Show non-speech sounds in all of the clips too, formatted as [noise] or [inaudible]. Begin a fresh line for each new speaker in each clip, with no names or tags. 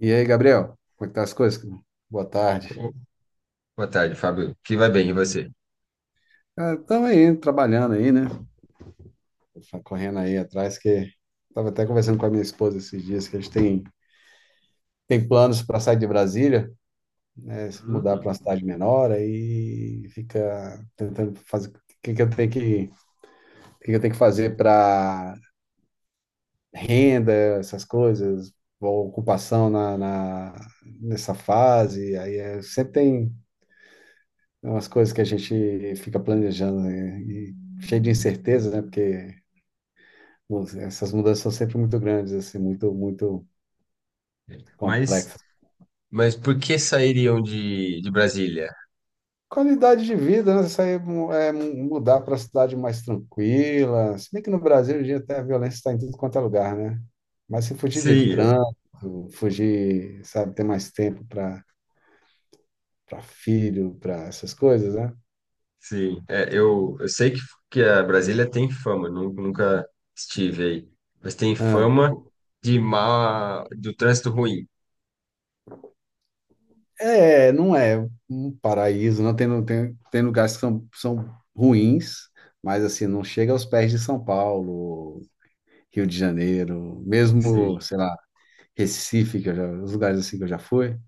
E aí, Gabriel, como é que tá as coisas? Boa tarde.
Boa tarde, Fábio. Que vai bem, e você?
Cara, estamos aí, trabalhando aí, né? Tá correndo aí atrás, que estava até conversando com a minha esposa esses dias, que a gente tem planos para sair de Brasília, né? Se mudar para
Hum,
uma cidade menor, aí fica tentando fazer o que que eu tenho que fazer para renda, essas coisas, ou ocupação nessa fase. Aí é, sempre tem é umas coisas que a gente fica planejando, né? E cheio de incerteza, né? Porque nossa, essas mudanças são sempre muito grandes, assim, muito, muito
mas,
complexas.
mas por que sairiam de Brasília?
Qualidade de vida, né? Isso aí é mudar para cidade mais tranquila. Se bem que no Brasil, hoje em dia, até a violência está em tudo quanto é lugar, né? Mas se fugir de
Sim, é,
trânsito, fugir, sabe, ter mais tempo para para filho, para essas coisas, né?
sim. Eu sei que a Brasília tem fama, nunca estive aí, mas tem
Ah.
fama de má, do trânsito ruim.
É, não é um paraíso, não tem, tem lugares que são, são ruins, mas assim, não chega aos pés de São Paulo, Rio de Janeiro, mesmo,
Sim.
sei lá, Recife, que eu já, os lugares assim que eu já fui,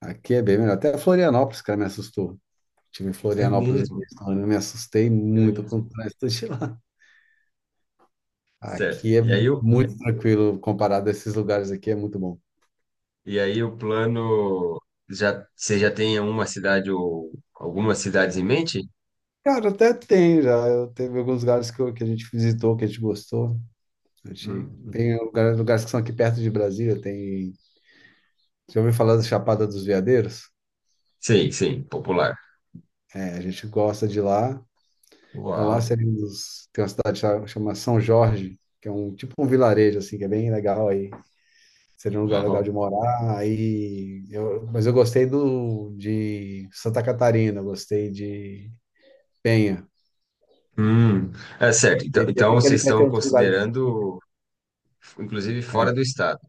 aqui é bem melhor. Até Florianópolis, cara, me assustou. Estive em
É
Florianópolis,
mesmo,
eu me assustei
é
muito com o
mesmo.
trânsito de lá.
Certo.
Aqui é
E aí, o-
muito tranquilo comparado a esses lugares aqui, é muito bom.
e aí o plano, já, você já tem uma cidade ou algumas cidades em mente?
Cara, até tem já. Teve alguns lugares que a gente visitou, que a gente gostou. Achei.
Hum.
Tem lugares que são aqui perto de Brasília, tem. Já ouviu falar da Chapada dos Veadeiros?
Sim, sim, popular.
É, a gente gosta de lá. Então lá
Uau.
seria um dos. Tem uma cidade chama São Jorge, que é um tipo um vilarejo assim, que é bem legal aí. Seria um lugar legal
Uau.
de morar. Aí eu, mas eu gostei do de Santa Catarina, eu gostei de Penha.
Hum, é certo. Então,
Ele
então
fica ali
vocês
perto de
estão
uns lugares.
considerando, inclusive,
É,
fora do estado.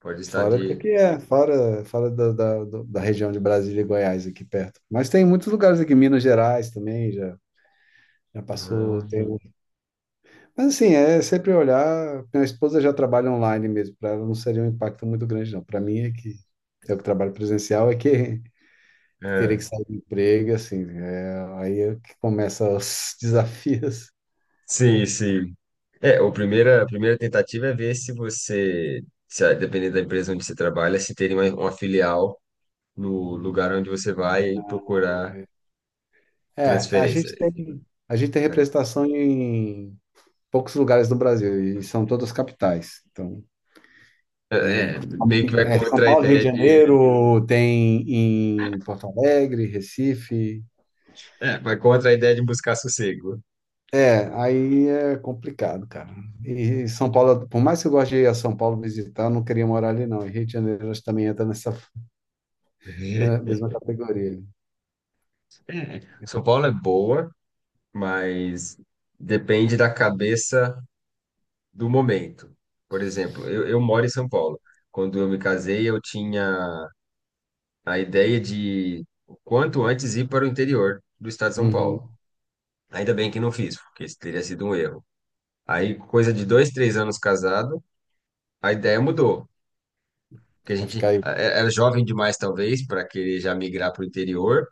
Pode estar
fora
de.
daqui é, fora, fora da da região de Brasília e Goiás, aqui perto. Mas tem muitos lugares aqui, Minas Gerais também, já, já
Ah,
passou, tem. Mas assim, é sempre olhar. Minha esposa já trabalha online mesmo, para ela não seria um impacto muito grande, não. Para mim é que eu que trabalho presencial é que teria que
é.
sair do emprego, assim, é, aí é que começa os [laughs] desafios.
Sim, sim. É, a primeira tentativa é ver se você, se, dependendo da empresa onde você trabalha, se tem uma filial no lugar onde você vai e procurar
É, a
transferência,
gente tem, a gente tem
né?
representação em poucos lugares do Brasil, e são todas capitais. Então, tem,
É, é, meio que vai
é, São
contra a
Paulo, Rio de
ideia de,
Janeiro, tem em Porto Alegre, Recife.
é, vai contra a ideia de buscar sossego.
É, aí é complicado, cara. E São Paulo, por mais que eu goste de ir a São Paulo visitar, eu não queria morar ali, não. E Rio de Janeiro acho que também entra nessa é, mesma
[laughs]
categoria.
É, São Paulo é boa, mas depende da cabeça do momento. Por exemplo, eu moro em São Paulo. Quando eu me casei, eu tinha a ideia de o quanto antes ir para o interior do estado de São Paulo.
Uhum.
Ainda bem que não fiz, porque isso teria sido um erro. Aí, coisa de dois, três anos casado, a ideia mudou. Porque a
Vai
gente
ficar aí.
era jovem demais, talvez, para querer já migrar para o interior.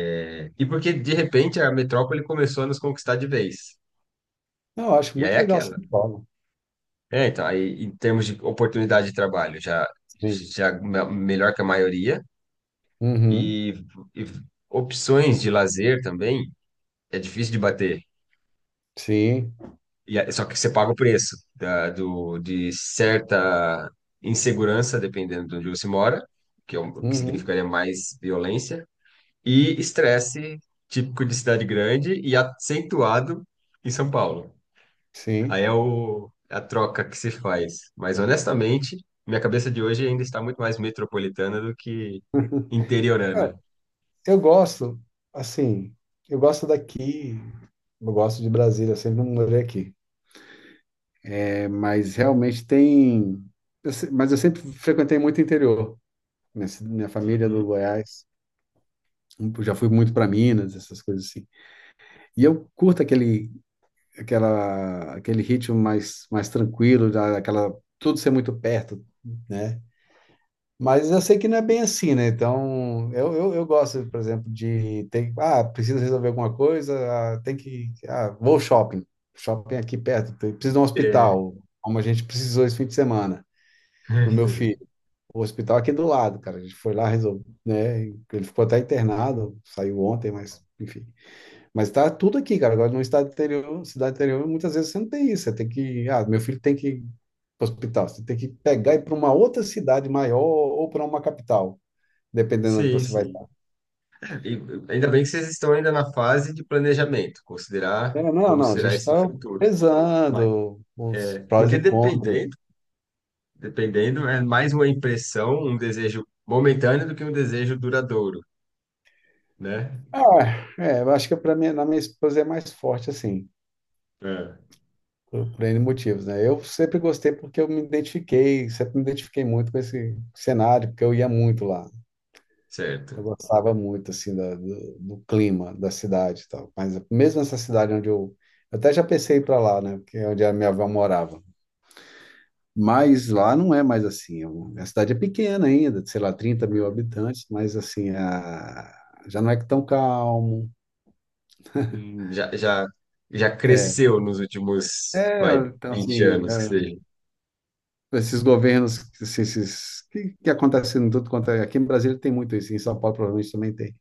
É, e porque, de repente, a metrópole começou a nos conquistar de vez.
Não, eu acho
E aí
muito
é
legal São
aquela.
Paulo.
É, então, aí em termos de oportunidade de trabalho, já,
Sim.
melhor que a maioria,
Uhum.
e, e opções de lazer também é difícil de bater.
Sim.
E, só que você paga o preço da, do, de certa insegurança, dependendo de onde você mora, que, é um, que
Uhum.
significaria mais violência, e estresse típico de cidade grande e acentuado em São Paulo. Aí
Sim.
é o, é a troca que se faz. Mas honestamente, minha cabeça de hoje ainda está muito mais metropolitana do que
Cara,
interiorana.
eu gosto, assim, eu gosto daqui, eu gosto de Brasília, eu sempre morei aqui. Mas realmente tem. Eu se- Mas eu sempre frequentei muito interior. Minha, minha família é do
Uhum.
Goiás. Eu já fui muito para Minas, essas coisas assim. E eu curto aquele, aquela, aquele ritmo mais tranquilo, aquela, tudo ser muito perto, né? Mas eu sei que não é bem assim, né? Então, eu gosto, por exemplo, de ter, ah, preciso resolver alguma coisa, ah, tem que, ah, vou ao shopping. Shopping é aqui perto, preciso de um
É.
hospital, como a gente precisou esse fim de semana, para o meu filho.
[laughs]
O hospital aqui do lado, cara. A gente foi lá, resolveu, né? Ele ficou até internado, saiu ontem, mas enfim. Mas tá tudo aqui, cara. Agora no estado interior, cidade interior, muitas vezes você não tem isso. Você tem que, ah, meu filho tem que ir para o hospital. Você tem que pegar e ir para uma outra cidade maior ou para uma capital, dependendo onde
Sim,
você vai
sim.
estar.
E ainda bem que vocês estão ainda na fase de planejamento, considerar
É, não,
como
não. A
será
gente
esse
está
futuro. Mas,
pesando os prós
porque
e contras.
dependendo, dependendo, é mais uma impressão, um desejo momentâneo do que um desejo duradouro, né?
Ah, é, eu acho que para mim, na minha esposa é mais forte assim.
É,
Por N motivos, né? Eu sempre gostei porque eu me identifiquei, sempre me identifiquei muito com esse cenário, porque eu ia muito lá. Eu
certo.
gostava muito, assim, do, do clima da cidade e tal. Mas mesmo essa cidade onde eu... Eu até já pensei em ir para lá, né? Porque é onde a minha avó morava. Mas lá não é mais assim. A cidade é pequena ainda, sei lá, 30 mil habitantes, mas, assim, a... já não é tão calmo.
Hum, Já, já, já
É,
cresceu nos últimos,
é,
vai,
então,
20
assim...
anos, que
é,
seja.
esses governos, esses que acontece em tudo quanto é. Aqui no Brasil tem muito isso, em São Paulo provavelmente também tem.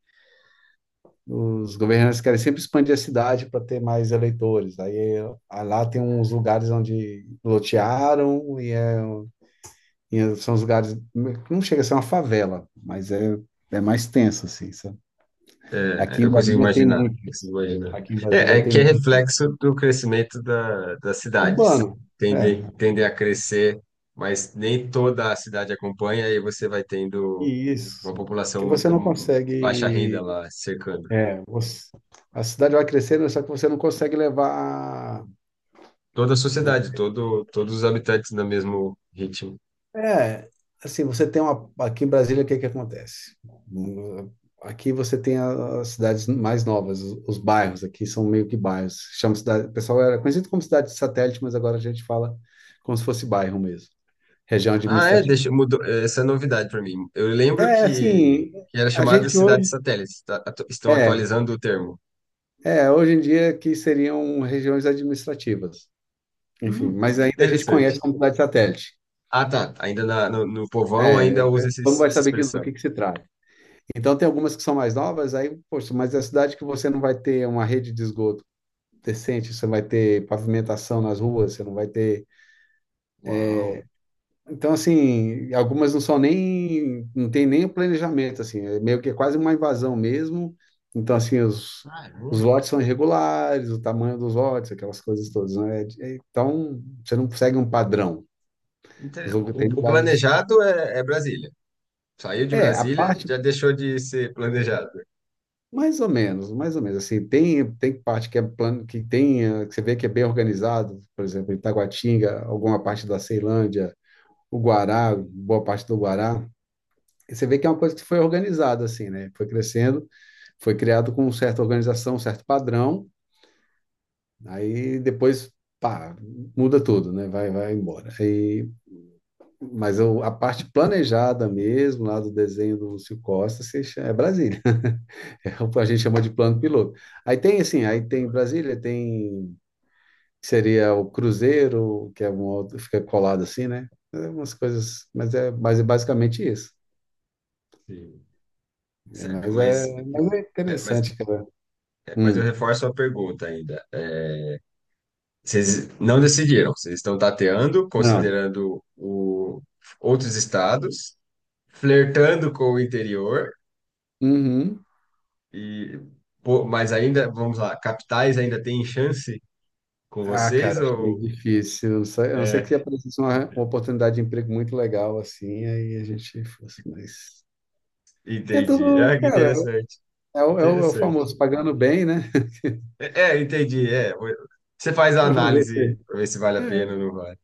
Os governantes querem sempre expandir a cidade para ter mais eleitores. Aí ah, lá tem uns lugares onde lotearam e, é, e são os lugares. Não chega a ser uma favela, é mais tenso, assim, sabe? Aqui
É,
em
eu consigo
Brasília tem
imaginar,
muito isso.
consigo imaginar.
Aqui em
É,
Brasília
é
tem
que é
muito.
reflexo do crescimento da, das cidades.
Urbano,
Tendem,
é.
tendem a crescer, mas nem toda a cidade acompanha e você vai tendo
E
uma
isso. Porque
população
você não
baixa renda
consegue
lá cercando.
é, você- a cidade vai crescendo, só que você não consegue levar.
Toda a
Muito.
sociedade, todo, todos os habitantes no mesmo ritmo.
É, assim, você tem uma. Aqui em Brasília, o que que acontece? Hum, Aqui você tem as cidades mais novas, os bairros aqui são meio que bairros. Chama cidade, o pessoal era conhecido como cidade de satélite, mas agora a gente fala como se fosse bairro mesmo, região
Ah, é,
administrativa.
deixa, mudou, é, essa é novidade para mim. Eu lembro
É, assim,
que era
a
chamado de
gente
Cidade
hoje.
Satélite. Tá? Estão
É,
atualizando o termo.
é, hoje em dia que seriam regiões administrativas. Enfim, mas
Que
ainda a gente conhece
interessante.
como cidade satélite.
Ah, tá. Ainda no povão
É,
ainda usa
como vai
essa
saber que- do
expressão.
que se trata? Então, tem algumas que são mais novas, aí, poxa, mas é a cidade que você não vai ter uma rede de esgoto decente, você vai ter pavimentação nas ruas, você não vai ter.
Uau.
Então, assim, algumas não são nem, não tem nem o planejamento, assim, é meio que é quase uma invasão mesmo. Então, assim, os,
Ah,
os
é.
lotes são irregulares, o tamanho dos lotes, aquelas coisas todas, né? É- é, então, você não segue um padrão.
Inter- O,
Tem
o
lugares.
planejado é, é Brasília. Saiu de
É, a
Brasília,
parte
já deixou de ser planejado.
mais ou menos, mais ou menos. Assim, tem parte que é plano, que tem, que você vê que é bem organizado, por exemplo, Itaguatinga, alguma parte da Ceilândia, o Guará, boa parte do Guará. E você vê que é uma coisa que foi organizada, assim, né? Foi crescendo, foi criado com certa organização, certo padrão, aí depois, pá, muda tudo, né? Vai, vai embora. Aí a parte planejada mesmo, lá do desenho do Lúcio Costa, se chama- é Brasília. [laughs] É o que a gente chama de plano piloto. Aí tem assim, aí
Muito
tem
bom.
Brasília, tem que seria o Cruzeiro, que é uma outra, fica colado assim, né? É umas coisas, mas é basicamente isso.
Sim.
É,
Certo,
mas, é,
mas,
mas é
é, mas,
interessante, cara.
é, mas eu
Hum,
reforço a pergunta ainda. Vocês não decidiram, vocês estão tateando,
não.
considerando o, outros estados, flertando com o interior,
Uhum.
e, pô, mas ainda, vamos lá, capitais ainda tem chance com
Ah,
vocês
cara, acho meio
ou...
difícil. Não sei- a não ser
É,
que aparecesse uma
[laughs]
oportunidade de emprego muito legal, assim, aí a gente fosse, mas. É
entendi.
tudo,
Ah, que
cara,
interessante,
é o, é o
interessante.
famoso pagando bem, né? [laughs]
É, é, entendi, é. Você faz a
Fazer o é,
análise para ver se vale a pena ou não vale.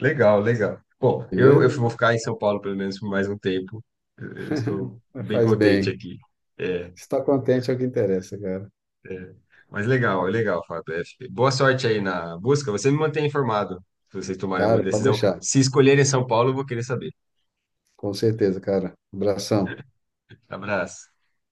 Legal, legal. Bom, eu vou
beleza?
ficar em São Paulo pelo menos por mais um tempo. Eu estou bem
Faz bem.
contente aqui. É,
Estar contente é o que interessa, cara.
é. Mas legal, é legal, Fábio. É, boa sorte aí na busca. Você me mantém informado se vocês tomarem alguma
Cara, pode
decisão.
deixar.
Se escolherem São Paulo, eu vou querer saber.
Com certeza, cara. Abração.
Abraço.